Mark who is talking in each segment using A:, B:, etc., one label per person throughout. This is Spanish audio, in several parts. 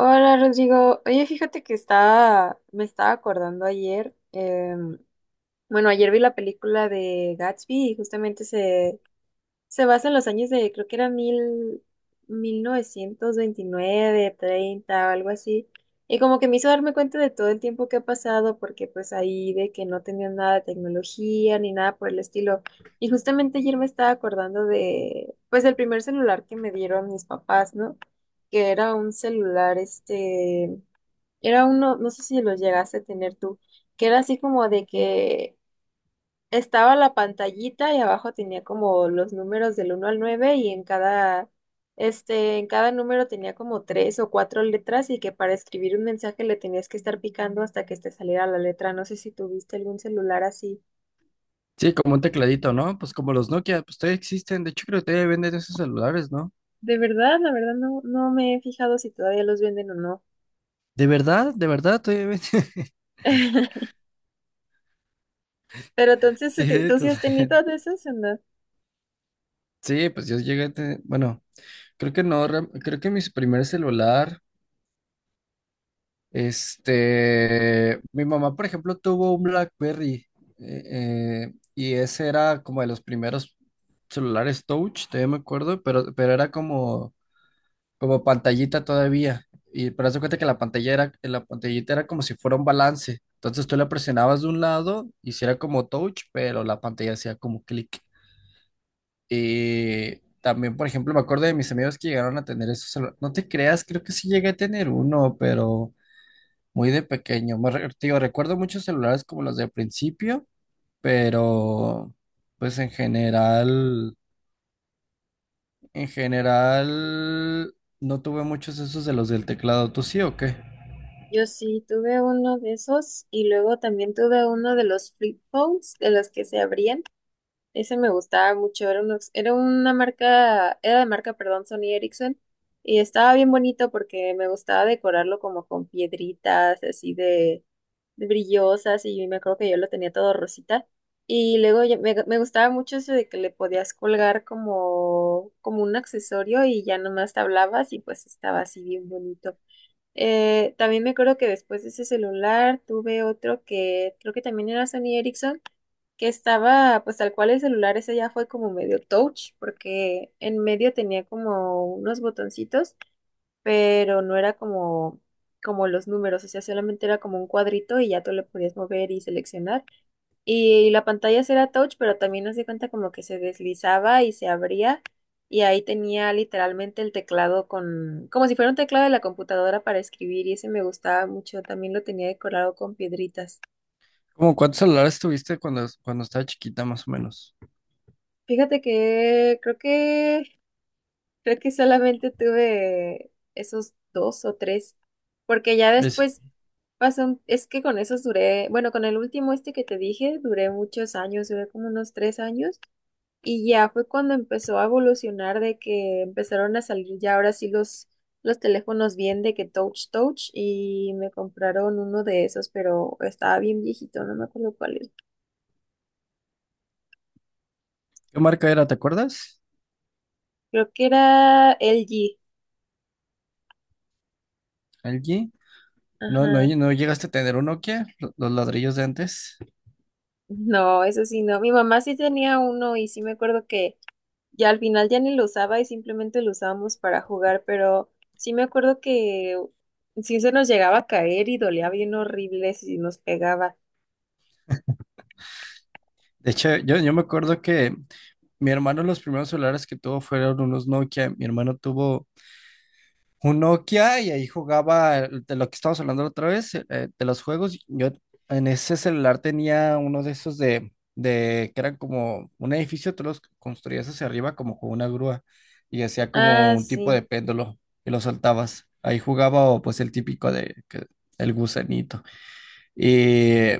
A: Hola Rodrigo, oye fíjate que estaba, me estaba acordando ayer, bueno ayer vi la película de Gatsby y justamente se, se basa en los años de, creo que era mil, 1929, 30 o algo así. Y como que me hizo darme cuenta de todo el tiempo que ha pasado, porque pues ahí de que no tenían nada de tecnología ni nada por el estilo. Y justamente ayer me estaba acordando de, pues, el primer celular que me dieron mis papás, ¿no? Que era un celular, era uno, no sé si lo llegaste a tener tú, que era así como de que estaba la pantallita y abajo tenía como los números del uno al 9 y en cada, en cada número tenía como tres o cuatro letras y que para escribir un mensaje le tenías que estar picando hasta que te saliera la letra. No sé si tuviste algún celular así.
B: Sí, como un tecladito, ¿no? Pues como los Nokia, pues todavía existen. De hecho, creo que todavía venden esos celulares, ¿no?
A: De verdad, la verdad no, no me he fijado si todavía los venden o no.
B: De verdad, todavía venden.
A: Pero entonces,
B: Sí,
A: ¿tú sí
B: entonces,
A: has tenido de esos o no?
B: sí, pues yo llegué a tener, bueno, creo que no, creo que mi primer celular, mi mamá, por ejemplo, tuvo un BlackBerry eh, y ese era como de los primeros celulares Touch, todavía me acuerdo, pero era como como pantallita todavía. Y pero haz de cuenta que la pantalla era, la pantallita era como si fuera un balance. Entonces tú la presionabas de un lado, hiciera como touch, pero la pantalla hacía como clic. Y también, por ejemplo, me acuerdo de mis amigos que llegaron a tener esos no te creas, creo que sí llegué a tener uno, pero muy de pequeño. Te digo, recuerdo muchos celulares como los de principio, pero pues en general. En general, no tuve muchos esos de los del teclado. ¿Tú sí o qué?
A: Yo sí tuve uno de esos y luego también tuve uno de los flip phones, de los que se abrían. Ese me gustaba mucho, era, era una marca, era de marca, perdón, Sony Ericsson, y estaba bien bonito porque me gustaba decorarlo como con piedritas así de brillosas, y me acuerdo que yo lo tenía todo rosita, y me gustaba mucho eso de que le podías colgar como, como un accesorio y ya nomás te hablabas y pues estaba así bien bonito. También me acuerdo que después de ese celular tuve otro que creo que también era Sony Ericsson, que estaba, pues tal cual el celular, ese ya fue como medio touch, porque en medio tenía como unos botoncitos, pero no era como, como los números, o sea, solamente era como un cuadrito y ya tú le podías mover y seleccionar. Y la pantalla sí era touch, pero también nos di cuenta como que se deslizaba y se abría. Y ahí tenía literalmente el teclado con, como si fuera un teclado de la computadora para escribir, y ese me gustaba mucho. También lo tenía decorado con piedritas.
B: ¿Cómo cuántos celulares tuviste cuando, cuando estaba chiquita, más o menos?
A: Fíjate que creo que creo que solamente tuve esos dos o tres, porque ya
B: Es,
A: después pasó, es que con esos duré, bueno, con el último este que te dije, duré muchos años, duré como unos tres años, y ya fue cuando empezó a evolucionar de que empezaron a salir ya ahora sí los teléfonos bien de que touch touch, y me compraron uno de esos, pero estaba bien viejito, no me acuerdo cuál es.
B: ¿qué marca era? ¿Te acuerdas?
A: Creo que era LG,
B: ¿LG? No, no,
A: ajá.
B: no llegaste a tener un Nokia, los ladrillos de antes.
A: No, eso sí, no. Mi mamá sí tenía uno y sí me acuerdo que, y al final ya ni lo usaba y simplemente lo usábamos para jugar, pero sí me acuerdo que sí se nos llegaba a caer y dolía bien horrible si nos pegaba.
B: De hecho, yo me acuerdo que mi hermano los primeros celulares que tuvo fueron unos Nokia. Mi hermano tuvo un Nokia y ahí jugaba de lo que estábamos hablando la otra vez, de los juegos. Yo en ese celular tenía uno de esos de que eran como un edificio, tú los construías hacia arriba como con una grúa y hacía
A: Ah,
B: como un tipo
A: sí,
B: de péndulo y lo soltabas. Ahí jugaba o, pues el típico el gusanito. Y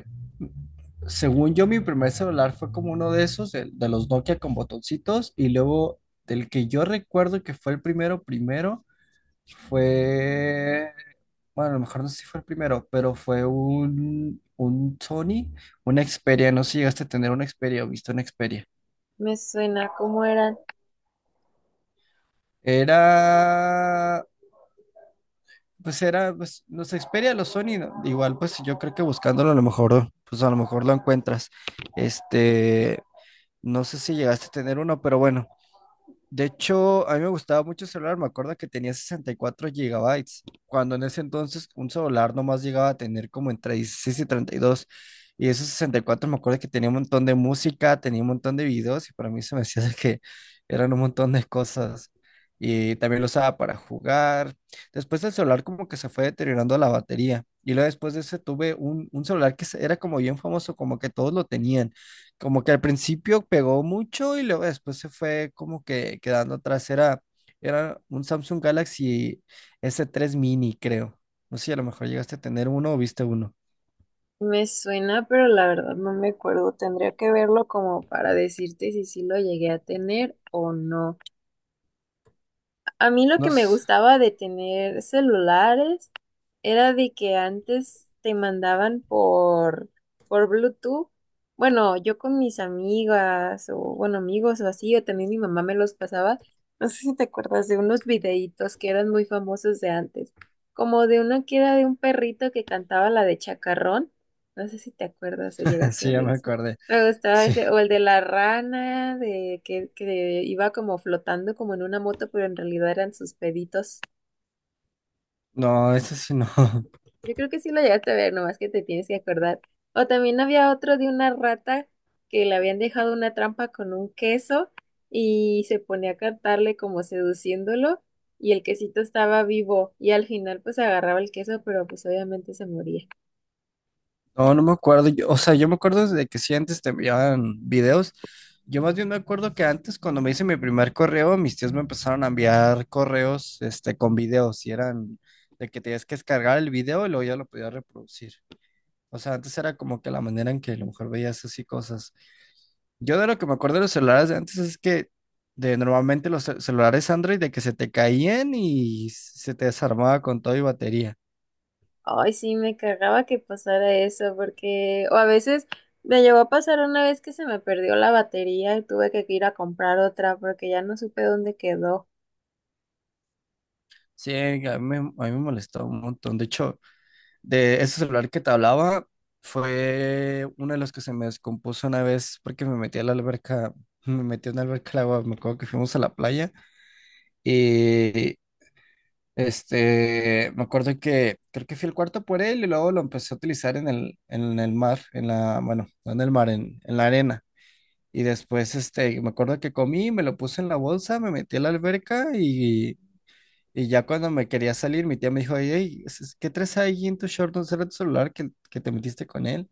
B: según yo, mi primer celular fue como uno de esos, de los Nokia con botoncitos y luego del que yo recuerdo que fue el primero, primero. Fue, bueno, a lo mejor no sé si fue el primero, pero fue un Sony, una Xperia, no sé si llegaste a tener una Xperia o viste una Xperia.
A: me suena, ¿cómo era?
B: Era, era, pues los Xperia, los Sony, ¿no? Igual pues yo creo que buscándolo a lo mejor, pues a lo mejor lo encuentras. Este, no sé si llegaste a tener uno, pero bueno, de hecho, a mí me gustaba mucho el celular, me acuerdo que tenía 64 gigabytes, cuando en ese entonces un celular nomás llegaba a tener como entre 16 y 32, y dos, y esos 64 me acuerdo que tenía un montón de música, tenía un montón de videos, y para mí se me hacía de que eran un montón de cosas, y también lo usaba para jugar. Después el celular como que se fue deteriorando la batería, y luego después de ese tuve un celular era como bien famoso, como que todos lo tenían, como que al principio pegó mucho y luego después se fue como que quedando atrás. Era, era un Samsung Galaxy s tres Mini, creo. No sé si a lo mejor llegaste a tener uno o viste uno.
A: Me suena, pero la verdad no me acuerdo. Tendría que verlo como para decirte si sí lo llegué a tener o no. A mí lo que
B: No
A: me
B: sé.
A: gustaba de tener celulares era de que antes te mandaban por Bluetooth. Bueno, yo con mis amigas o, bueno, amigos o así, o también mi mamá me los pasaba. No sé si te acuerdas de unos videitos que eran muy famosos de antes, como de uno que era de un perrito que cantaba la de Chacarrón. No sé si te acuerdas o llegaste a
B: Sí, ya
A: ver.
B: me acordé.
A: Me gustaba
B: Sí.
A: ese, o el de la rana, de que iba como flotando como en una moto, pero en realidad eran sus peditos.
B: No, ese sí no.
A: Yo creo que sí lo llegaste a ver, nomás que te tienes que acordar. O también había otro de una rata que le habían dejado una trampa con un queso y se ponía a cantarle como seduciéndolo y el quesito estaba vivo y al final pues agarraba el queso, pero pues obviamente se moría.
B: No, no me acuerdo. O sea, yo me acuerdo de que sí antes te enviaban videos. Yo más bien me acuerdo que antes, cuando me hice mi primer correo, mis tíos me empezaron a enviar correos, con videos y eran de que tenías que descargar el video y luego ya lo podías reproducir. O sea, antes era como que la manera en que a lo mejor veías así cosas. Yo de lo que me acuerdo de los celulares de antes es que de normalmente los celulares Android de que se te caían y se te desarmaba con todo y batería.
A: Ay, sí, me cagaba que pasara eso, porque, o a veces me llegó a pasar una vez que se me perdió la batería y tuve que ir a comprar otra porque ya no supe dónde quedó.
B: Sí, a mí, a mí me molestó un montón. De hecho, de ese celular que te hablaba fue uno de los que se me descompuso una vez porque me metí a la alberca, me metí en la alberca al agua, me acuerdo que fuimos a la playa. Y, me acuerdo que creo que fui el cuarto por él y luego lo empecé a utilizar en el mar, en la, bueno, no en el mar, en la arena. Y después, me acuerdo que comí, me lo puse en la bolsa, me metí a la alberca y ya cuando me quería salir, mi tía me dijo, hey, ¿qué traes ahí en tu short? ¿No será tu celular que te metiste con él?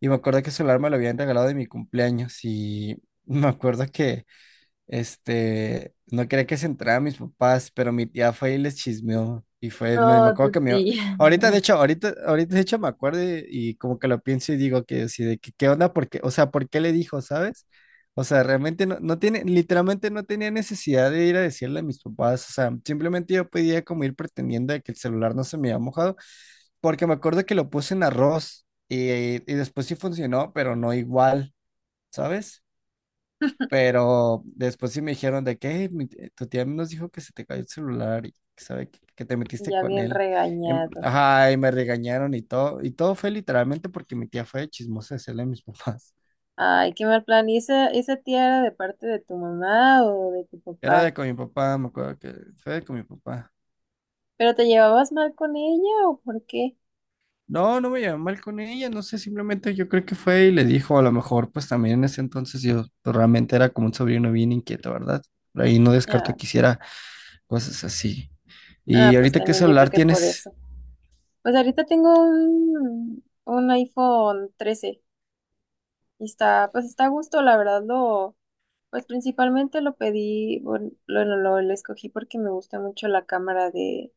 B: Y me acuerdo que el celular me lo habían regalado de mi cumpleaños y me acuerdo que no quería que se enteraran mis papás, pero mi tía fue y les chismeó. Y fue, me
A: No,
B: acuerdo
A: tu
B: que me...
A: tía.
B: Ahorita, de hecho, ahorita, ahorita, de hecho, me acuerdo y como que lo pienso y digo que, así de que, ¿qué onda? Porque, o sea, ¿por qué le dijo, sabes? O sea, realmente no, no tiene, literalmente no tenía necesidad de ir a decirle a mis papás. O sea, simplemente yo podía como ir pretendiendo de que el celular no se me había mojado, porque me acuerdo que lo puse en arroz y después sí funcionó, pero no igual, ¿sabes? Pero después sí me dijeron de que "Hey, tu tía nos dijo que se te cayó el celular y que sabe que te metiste
A: Ya
B: con
A: bien
B: él.
A: regañado.
B: Ajá, y me regañaron y todo. Y todo fue literalmente porque mi tía fue de chismosa de hacerle a mis papás.
A: Ay, qué mal plan. ¿Y esa tía era de parte de tu mamá o de tu
B: Era
A: papá?
B: de con mi papá, me acuerdo que fue de con mi papá.
A: ¿Pero te llevabas mal con ella o por qué?
B: No, no me llevé mal con ella, no sé, simplemente yo creo que fue y le dijo, a lo mejor, pues también en ese entonces yo pues, realmente era como un sobrino bien inquieto, ¿verdad? Por ahí no
A: Ah,
B: descarto que hiciera cosas así. ¿Y
A: ah, pues
B: ahorita qué
A: también yo creo
B: celular
A: que por
B: tienes?
A: eso. Pues ahorita tengo un iPhone 13 y está, pues está a gusto, la verdad, lo... Pues principalmente lo pedí, bueno, lo escogí porque me gusta mucho la cámara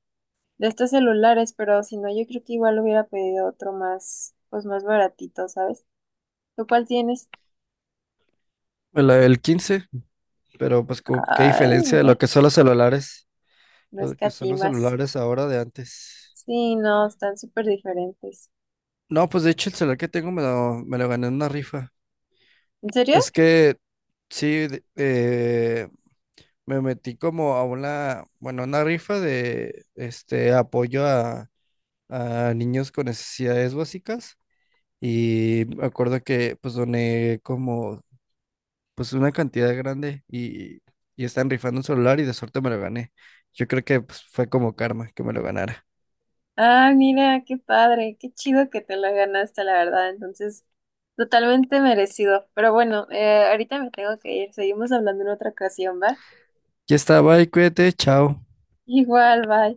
A: de estos celulares, pero si no, yo creo que igual hubiera pedido otro más, pues más baratito, ¿sabes? ¿Tú cuál tienes?
B: El 15. Pero pues qué
A: Ay,
B: diferencia de lo
A: mira,
B: que son los celulares,
A: no
B: lo que son los
A: escatimas.
B: celulares ahora de antes.
A: Sí, no, están súper diferentes.
B: No, pues de hecho el celular que tengo me lo gané en una rifa.
A: ¿En serio?
B: Es que sí, me metí como a una, bueno, una rifa de este apoyo a niños con necesidades básicas. Y me acuerdo que pues doné como pues una cantidad grande y están rifando un celular y de suerte me lo gané. Yo creo que pues, fue como karma que me lo ganara.
A: Ah, mira, qué padre, qué chido que te la ganaste, la verdad. Entonces, totalmente merecido. Pero bueno, ahorita me tengo que ir. Seguimos hablando en otra ocasión, ¿va?
B: Ya está, bye, cuídate, chao.
A: Igual, bye.